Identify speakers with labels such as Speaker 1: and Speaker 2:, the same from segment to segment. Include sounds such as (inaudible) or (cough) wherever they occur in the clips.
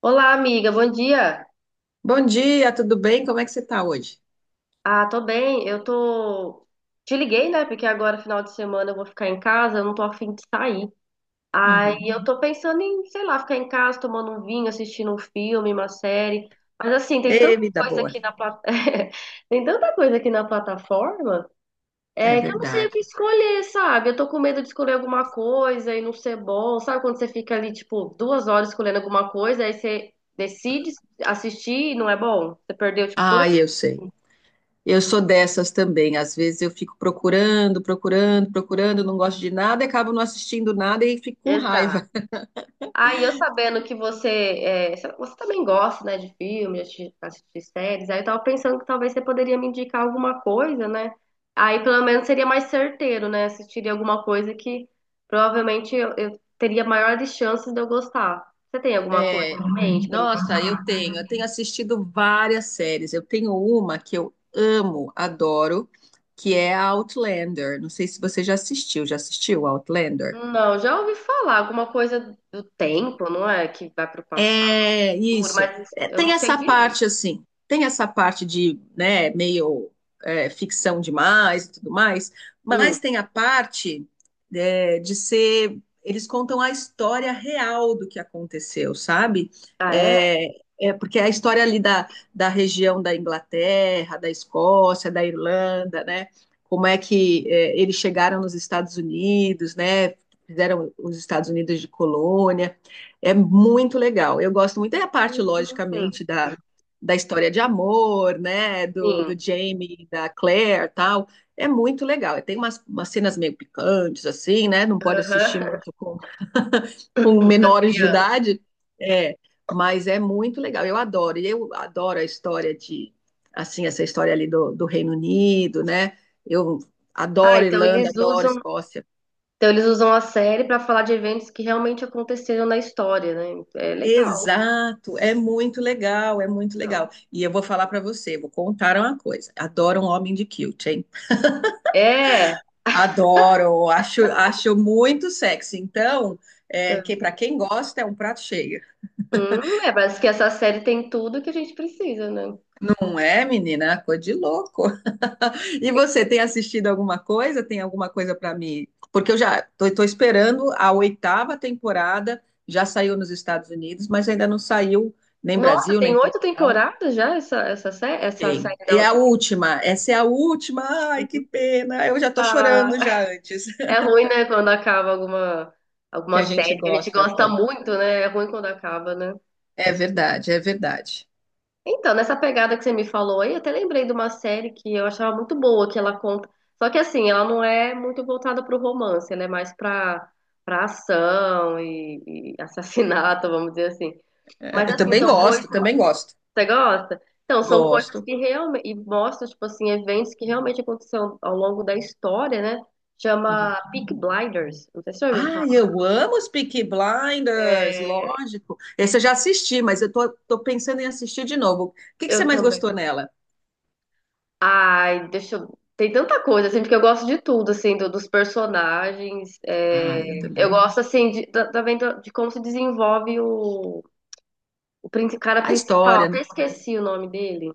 Speaker 1: Olá, amiga, bom dia.
Speaker 2: Bom dia, tudo bem? Como é que você está hoje?
Speaker 1: Ah, tô bem. Eu tô. Te liguei, né? Porque agora, final de semana, eu vou ficar em casa, eu não tô a fim de sair. Aí
Speaker 2: Uhum.
Speaker 1: eu tô pensando em, sei lá, ficar em casa tomando um vinho, assistindo um filme, uma série. Mas assim, tem
Speaker 2: Ei,
Speaker 1: tanta
Speaker 2: vida
Speaker 1: coisa
Speaker 2: boa.
Speaker 1: aqui na plat... (laughs) tem tanta coisa aqui na plataforma,
Speaker 2: É
Speaker 1: é, que eu não sei o
Speaker 2: verdade.
Speaker 1: que escolher, sabe? Eu tô com medo de escolher alguma coisa e não ser bom. Sabe quando você fica ali, tipo, 2 horas escolhendo alguma coisa, aí você decide assistir e não é bom? Você perdeu, tipo, toda.
Speaker 2: Ah, eu sei. Eu sou dessas também. Às vezes eu fico procurando, procurando, procurando, não gosto de nada, e acabo não assistindo nada e fico com
Speaker 1: Exato.
Speaker 2: raiva. (laughs)
Speaker 1: Aí eu sabendo que você, é, sei lá, você também gosta, né, de filme, de assistir séries, aí eu tava pensando que talvez você poderia me indicar alguma coisa, né? Aí pelo menos seria mais certeiro, né? Assistiria alguma coisa que provavelmente eu teria maiores chances de eu gostar. Você tem alguma coisa
Speaker 2: É.
Speaker 1: em mente pra me
Speaker 2: Nossa, eu
Speaker 1: passar?
Speaker 2: tenho, eu tenho assistido várias séries. Eu tenho uma que eu amo, adoro, que é a Outlander. Não sei se você já assistiu. Já assistiu Outlander?
Speaker 1: Não, já ouvi falar alguma coisa do tempo, não é? Que vai pro passado,
Speaker 2: É isso.
Speaker 1: mas
Speaker 2: É,
Speaker 1: eu não
Speaker 2: tem
Speaker 1: sei
Speaker 2: essa
Speaker 1: direito.
Speaker 2: parte assim, tem essa parte de, né, meio ficção demais e tudo mais,
Speaker 1: Hum.
Speaker 2: mas tem a parte de ser, eles contam a história real do que aconteceu, sabe?
Speaker 1: Ah, é?
Speaker 2: É, é porque é a história ali da região da Inglaterra, da Escócia, da Irlanda, né? Como é que é, eles chegaram nos Estados Unidos, né? Fizeram os Estados Unidos de colônia. É muito legal. Eu gosto muito da parte,
Speaker 1: Hum,
Speaker 2: logicamente, da história de amor, né?
Speaker 1: sim.
Speaker 2: Do Jamie, da Claire, tal. É muito legal. Tem umas cenas meio picantes, assim, né? Não pode assistir
Speaker 1: Aham. (laughs)
Speaker 2: muito com
Speaker 1: Com a
Speaker 2: menores de
Speaker 1: criança.
Speaker 2: idade. É, mas é muito legal. Eu adoro. E eu adoro a história de, assim, essa história ali do Reino Unido, né? Eu
Speaker 1: Ah,
Speaker 2: adoro Irlanda, adoro Escócia.
Speaker 1: então eles usam a série para falar de eventos que realmente aconteceram na história, né? É legal,
Speaker 2: Exato, é muito legal, é muito
Speaker 1: legal.
Speaker 2: legal. E eu vou falar para você, vou contar uma coisa. Adoro um homem de quilt, hein?
Speaker 1: É,
Speaker 2: Adoro, acho muito sexy. Então, que para quem gosta é um prato cheio.
Speaker 1: é, parece que essa série tem tudo que a gente precisa, né?
Speaker 2: Não é, menina? Coisa de louco. E você tem assistido alguma coisa? Tem alguma coisa para mim? Porque eu já tô esperando a oitava temporada, já saiu nos Estados Unidos, mas ainda não saiu nem
Speaker 1: Nossa,
Speaker 2: Brasil, nem
Speaker 1: tem oito
Speaker 2: Portugal.
Speaker 1: temporadas já essa série, essa
Speaker 2: Tem.
Speaker 1: série da
Speaker 2: E a
Speaker 1: última.
Speaker 2: última, essa é a última. Ai, que pena. Eu já tô
Speaker 1: Ah,
Speaker 2: chorando já antes.
Speaker 1: é
Speaker 2: (laughs)
Speaker 1: ruim, né, quando acaba alguma
Speaker 2: Que
Speaker 1: alguma
Speaker 2: a gente
Speaker 1: série que a gente
Speaker 2: gosta
Speaker 1: gosta
Speaker 2: tanto.
Speaker 1: muito, né? É ruim quando acaba, né?
Speaker 2: É verdade, é verdade.
Speaker 1: Então, nessa pegada que você me falou aí, eu até lembrei de uma série que eu achava muito boa, que ela conta. Só que assim, ela não é muito voltada para o romance, ela é mais para ação e assassinato, (laughs) vamos dizer assim.
Speaker 2: É,
Speaker 1: Mas
Speaker 2: eu
Speaker 1: assim,
Speaker 2: também
Speaker 1: são coisas.
Speaker 2: gosto, também gosto.
Speaker 1: Você gosta? Então, são coisas
Speaker 2: Gosto.
Speaker 1: que realmente. E mostra, tipo assim, eventos que realmente aconteceram ao longo da história, né? Chama
Speaker 2: Uhum.
Speaker 1: Peak Blinders. Não sei se você já ouviu falar.
Speaker 2: Ai, eu amo os Peaky Blinders,
Speaker 1: É,
Speaker 2: lógico. Esse eu já assisti, mas eu tô pensando em assistir de novo. O que que você
Speaker 1: eu
Speaker 2: mais
Speaker 1: também.
Speaker 2: gostou nela?
Speaker 1: Ai, deixa eu. Tem tanta coisa, assim, porque eu gosto de tudo, assim, dos personagens.
Speaker 2: Ai, eu
Speaker 1: Eu
Speaker 2: também.
Speaker 1: gosto, assim, também de como se desenvolve o cara
Speaker 2: A
Speaker 1: principal.
Speaker 2: história,
Speaker 1: Até
Speaker 2: né?
Speaker 1: esqueci o nome dele.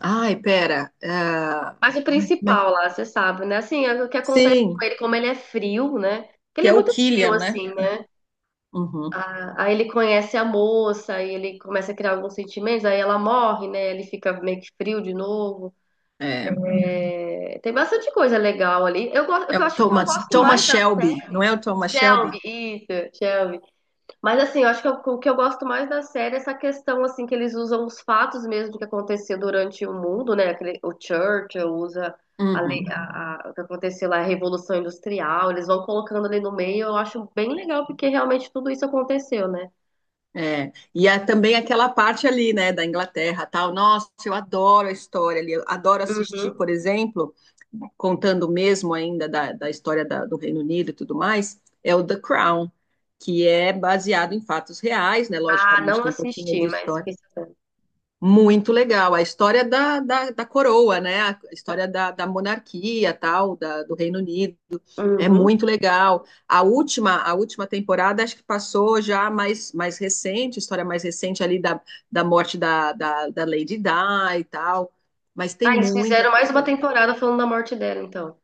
Speaker 2: Ai, pera.
Speaker 1: Mas o
Speaker 2: Ai, como é que-
Speaker 1: principal lá, você sabe, né? Assim, é o que acontece com
Speaker 2: Sim,
Speaker 1: ele, como ele é frio, né? Porque
Speaker 2: que
Speaker 1: ele é
Speaker 2: é o
Speaker 1: muito frio,
Speaker 2: Killian, né?
Speaker 1: assim, né?
Speaker 2: Uhum.
Speaker 1: a Aí ele conhece a moça, aí ele começa a criar alguns sentimentos, aí ela morre, né? Ele fica meio que frio de novo.
Speaker 2: É.
Speaker 1: É, tem bastante coisa legal ali. Eu gosto, o
Speaker 2: É
Speaker 1: que eu
Speaker 2: o
Speaker 1: acho que eu
Speaker 2: Thomas,
Speaker 1: gosto
Speaker 2: Thomas
Speaker 1: mais da
Speaker 2: Shelby, não
Speaker 1: série,
Speaker 2: é o Thomas Shelby?
Speaker 1: Shelby, isso, Shelby. Mas assim, eu acho o que eu gosto mais da série é essa questão assim que eles usam os fatos mesmo do que aconteceu durante o mundo, né? Aquele, o Churchill usa a, lei-
Speaker 2: Uhum,
Speaker 1: a- o que aconteceu lá, a Revolução Industrial, eles vão colocando ali no meio, eu acho bem legal porque realmente tudo isso aconteceu, né?
Speaker 2: é. E é também aquela parte ali, né, da Inglaterra, tal. Nossa, eu adoro a história ali, eu adoro assistir,
Speaker 1: Uhum.
Speaker 2: por exemplo, contando mesmo ainda da história da- do Reino Unido e tudo mais, é o The Crown, que é baseado em fatos reais, né?
Speaker 1: Ah,
Speaker 2: Logicamente
Speaker 1: não
Speaker 2: tem um pouquinho
Speaker 1: assisti,
Speaker 2: de
Speaker 1: mas
Speaker 2: história.
Speaker 1: fiquei sabendo.
Speaker 2: Muito legal. A história da coroa, né? A
Speaker 1: Tá.
Speaker 2: história da monarquia, tal, da, do Reino Unido. É
Speaker 1: Uhum.
Speaker 2: muito legal. A última temporada, acho que passou já mais, mais recente, história mais recente ali da morte da Lady Di e tal. Mas tem
Speaker 1: Ah, eles
Speaker 2: muita
Speaker 1: fizeram mais
Speaker 2: coisa
Speaker 1: uma
Speaker 2: legal.
Speaker 1: temporada falando da morte dela, então.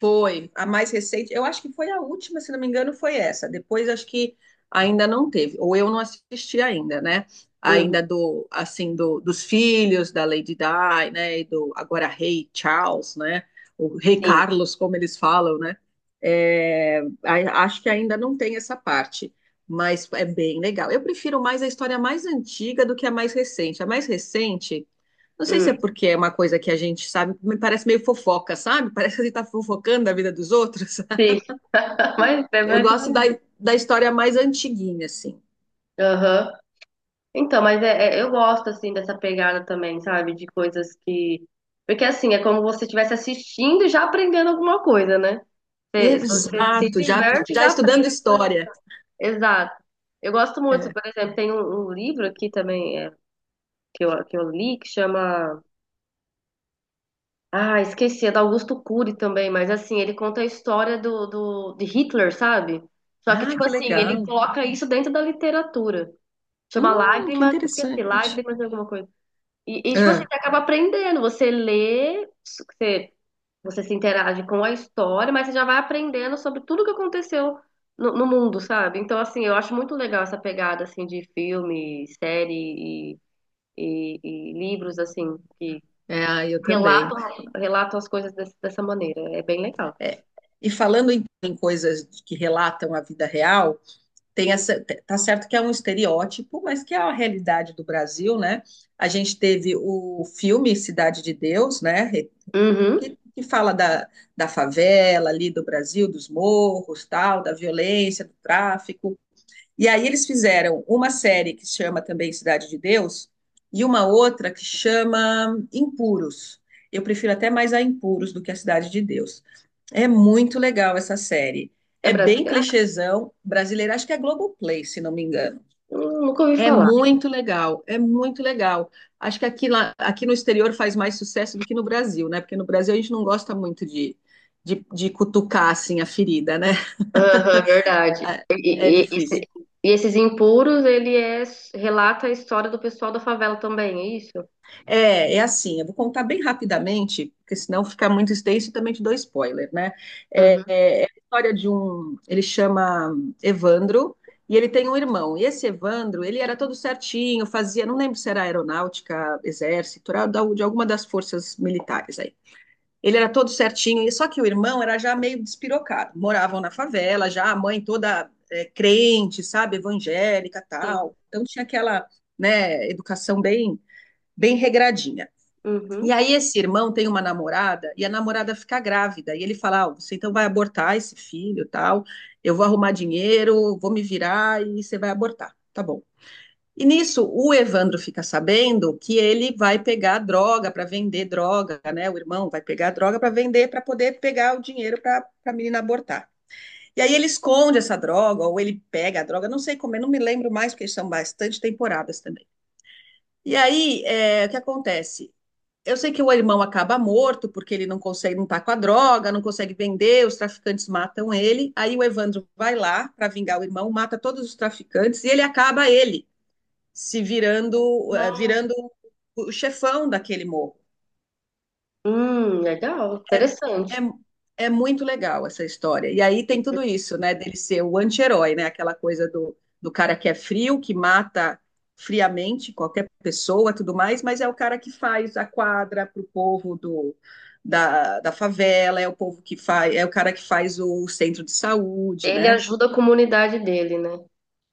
Speaker 2: Foi a mais recente, eu acho que foi a última, se não me engano, foi essa. Depois acho que ainda não teve, ou eu não assisti ainda, né?
Speaker 1: Uhum.
Speaker 2: Ainda do assim do, dos filhos da Lady Di, né? E do agora Rei Charles, né? O Rei
Speaker 1: Sim,
Speaker 2: Carlos, como eles falam, né? É, a- acho que ainda não tem essa parte, mas é bem legal. Eu prefiro mais a história mais antiga do que a mais recente. A mais recente não sei
Speaker 1: hum,
Speaker 2: se é porque é uma coisa que a gente sabe, me parece meio fofoca, sabe? Parece que a gente tá fofocando a vida dos outros. (laughs) Sabe?
Speaker 1: sim, (laughs) mas é
Speaker 2: Eu
Speaker 1: mais ou
Speaker 2: gosto
Speaker 1: menos
Speaker 2: da,
Speaker 1: isso.
Speaker 2: da história mais antiguinha, assim.
Speaker 1: Aham. Então, mas eu gosto, assim, dessa pegada também, sabe? De coisas que. Porque, assim, é como se você estivesse assistindo e já aprendendo alguma coisa, né? Se você se
Speaker 2: Exato,
Speaker 1: diverte,
Speaker 2: já
Speaker 1: já aprende.
Speaker 2: estudando
Speaker 1: Alguma coisa.
Speaker 2: história.
Speaker 1: Exato. Eu gosto muito,
Speaker 2: É.
Speaker 1: por exemplo, tem um livro aqui também que eu, li que chama. Ah, esqueci, é do Augusto Cury também, mas assim, ele conta a história de Hitler, sabe? Só que,
Speaker 2: Ah,
Speaker 1: tipo
Speaker 2: que
Speaker 1: assim, ele
Speaker 2: legal.
Speaker 1: coloca isso dentro da literatura. Chama
Speaker 2: Que
Speaker 1: Lágrimas, esqueci,
Speaker 2: interessante.
Speaker 1: Lágrimas de alguma coisa. E, tipo assim,
Speaker 2: Ah,
Speaker 1: você acaba aprendendo, você lê, você se interage com a história, mas você já vai aprendendo sobre tudo que aconteceu no mundo, sabe? Então, assim, eu acho muito legal essa pegada, assim, de filme, série e livros, assim, que
Speaker 2: é, ah, eu também.
Speaker 1: relatam, relatam as coisas dessa maneira. É bem legal.
Speaker 2: É. E falando em, em coisas que relatam a vida real, tem essa, te- tá certo que é um estereótipo, mas que é a realidade do Brasil, né? A gente teve o filme Cidade de Deus, né?
Speaker 1: Uhum.
Speaker 2: Que fala da, da favela ali do Brasil, dos morros, tal, da violência, do tráfico. E aí eles fizeram uma série que chama também Cidade de Deus e uma outra que chama Impuros. Eu prefiro até mais a Impuros do que a Cidade de Deus. É muito legal essa série.
Speaker 1: É
Speaker 2: É bem
Speaker 1: brasileira?
Speaker 2: clichêzão brasileiro, acho que é Globoplay, se não me engano.
Speaker 1: Nunca ouvi
Speaker 2: É
Speaker 1: falar.
Speaker 2: muito legal, é muito legal. Acho que aqui, lá, aqui no exterior faz mais sucesso do que no Brasil, né? Porque no Brasil a gente não gosta muito de cutucar assim a ferida, né?
Speaker 1: Aham, verdade.
Speaker 2: (laughs) É
Speaker 1: E, e- e esse-
Speaker 2: difícil.
Speaker 1: e esses impuros, ele é, relata a história do pessoal da favela também, é isso?
Speaker 2: É, é assim, eu vou contar bem rapidamente, porque senão ficar muito extenso e também te dou spoiler, né? É,
Speaker 1: Uhum,
Speaker 2: é a história de um. Ele chama Evandro e ele tem um irmão. E esse Evandro, ele era todo certinho, fazia, não lembro se era aeronáutica, exército, era da- de alguma das forças militares aí. Ele era todo certinho, e só que o irmão era já meio despirocado. Moravam na favela, já a mãe toda é, crente, sabe, evangélica,
Speaker 1: sim.
Speaker 2: tal. Então tinha aquela, né, educação bem regradinha. E
Speaker 1: Uhum.
Speaker 2: aí esse irmão tem uma namorada e a namorada fica grávida e ele fala: ah, "Você então vai abortar esse filho, tal. Eu vou arrumar dinheiro, vou me virar e você vai abortar". Tá bom. E nisso, o Evandro fica sabendo que ele vai pegar droga para vender droga, né? O irmão vai pegar droga para vender, para poder pegar o dinheiro para a menina abortar. E aí ele esconde essa droga, ou ele pega a droga, não sei como, eu não me lembro mais, porque são bastante temporadas também. E aí, é, o que acontece? Eu sei que o irmão acaba morto, porque ele não consegue, não tá com a droga, não consegue vender, os traficantes matam ele. Aí o Evandro vai lá para vingar o irmão, mata todos os traficantes e ele acaba ele se virando,
Speaker 1: Nossa.
Speaker 2: virando o chefão daquele morro.
Speaker 1: Legal,
Speaker 2: É,
Speaker 1: interessante.
Speaker 2: é, é muito legal essa história. E aí tem tudo isso, né? Dele ser o anti-herói, né? Aquela coisa do, do cara que é frio, que mata friamente qualquer pessoa, tudo mais, mas é o cara que faz a quadra para o povo do, da, da favela, é o povo que faz, é o cara que faz o centro de saúde,
Speaker 1: Ele
Speaker 2: né?
Speaker 1: ajuda a comunidade dele, né?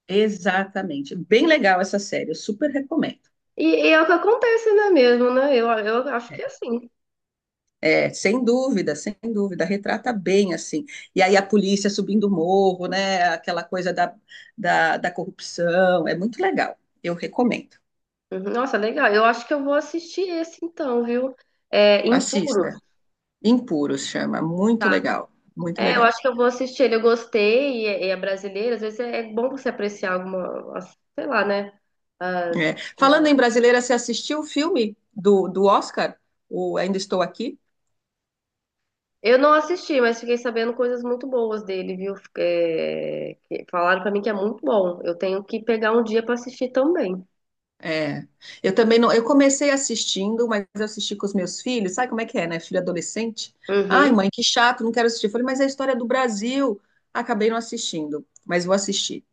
Speaker 2: Exatamente. Bem legal essa série, eu super recomendo.
Speaker 1: E é o que acontece, né, mesmo, né? Eu acho que é assim.
Speaker 2: É, sem dúvida, sem dúvida, retrata bem assim. E aí a polícia subindo o morro, né? Aquela coisa da corrupção, é muito legal. Eu recomendo.
Speaker 1: Uhum, nossa, legal. Eu acho que eu vou assistir esse então, viu? É, Impuros.
Speaker 2: Assista. Impuros chama, muito legal, muito
Speaker 1: É, eu
Speaker 2: legal.
Speaker 1: acho que eu vou assistir ele, eu gostei, e é brasileiro, às vezes é bom você apreciar alguma, sei lá, né? As-
Speaker 2: É. Falando
Speaker 1: ah,
Speaker 2: em brasileira, você assistiu o filme do, do Oscar? O Ainda Estou Aqui?
Speaker 1: eu não assisti, mas fiquei sabendo coisas muito boas dele, viu? É, que falaram pra mim que é muito bom. Eu tenho que pegar um dia pra assistir também.
Speaker 2: É, eu também não. Eu comecei assistindo, mas eu assisti com os meus filhos. Sabe como é que é, né? Filho adolescente. Ai,
Speaker 1: Uhum.
Speaker 2: mãe, que chato, não quero assistir. Eu falei, mas é a história do Brasil. Acabei não assistindo, mas vou assistir.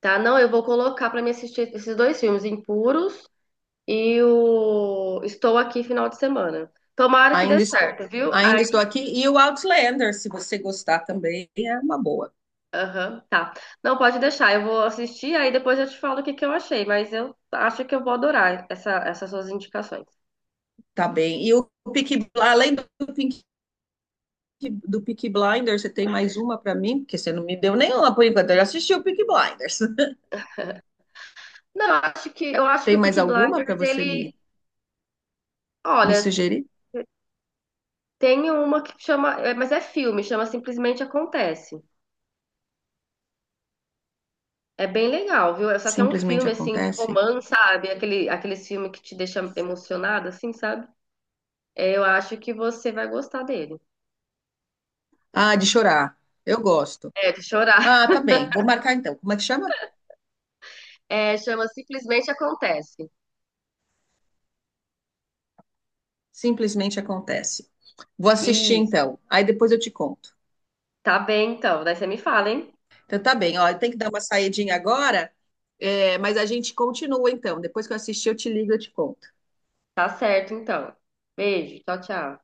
Speaker 1: Tá, não, eu vou colocar pra me assistir esses dois filmes, Impuros e o Estou Aqui Final de Semana. Tomara que dê
Speaker 2: Ainda estou,
Speaker 1: certo, viu?
Speaker 2: ainda
Speaker 1: Aí,
Speaker 2: estou aqui. E o Outlander, se você gostar também, é uma boa.
Speaker 1: aham, tá. Não, pode deixar, eu vou assistir, aí depois eu te falo o que que eu achei, mas eu acho que eu vou adorar essa, essas suas indicações.
Speaker 2: Tá bem. E o Peaky, além Peaky, do Peaky Blinders, você tem mais uma para mim? Porque você não me deu nenhuma por enquanto. Eu já assisti o Peaky Blinders. (laughs)
Speaker 1: Não, eu acho
Speaker 2: Tem
Speaker 1: que o
Speaker 2: mais
Speaker 1: Peaky
Speaker 2: alguma para
Speaker 1: Blinders,
Speaker 2: você me,
Speaker 1: ele,
Speaker 2: me
Speaker 1: olha,
Speaker 2: sugerir?
Speaker 1: tem uma que chama, é, mas é filme, chama Simplesmente Acontece.
Speaker 2: Sim.
Speaker 1: É aquele, aqueles filmes que te deixa emocionado, assim, sabe? É, eu acho que você vai gostar dele.
Speaker 2: Ah, de chorar. Eu gosto.
Speaker 1: É, de chorar.
Speaker 2: Ah,
Speaker 1: (laughs)
Speaker 2: tá bem. Vou marcar então. Como é que chama?
Speaker 1: É, chama Simplesmente Acontece.
Speaker 2: Simplesmente acontece. Vou assistir
Speaker 1: Isso,
Speaker 2: então. Aí depois eu te conto.
Speaker 1: tá bem então. Daí você me fala, hein?
Speaker 2: Então tá bem. Ó, eu tenho que dar uma saidinha agora, é, mas a gente continua então. Depois que eu assistir, eu te ligo e eu te conto.
Speaker 1: Tá certo, então. Beijo, tchau, tchau.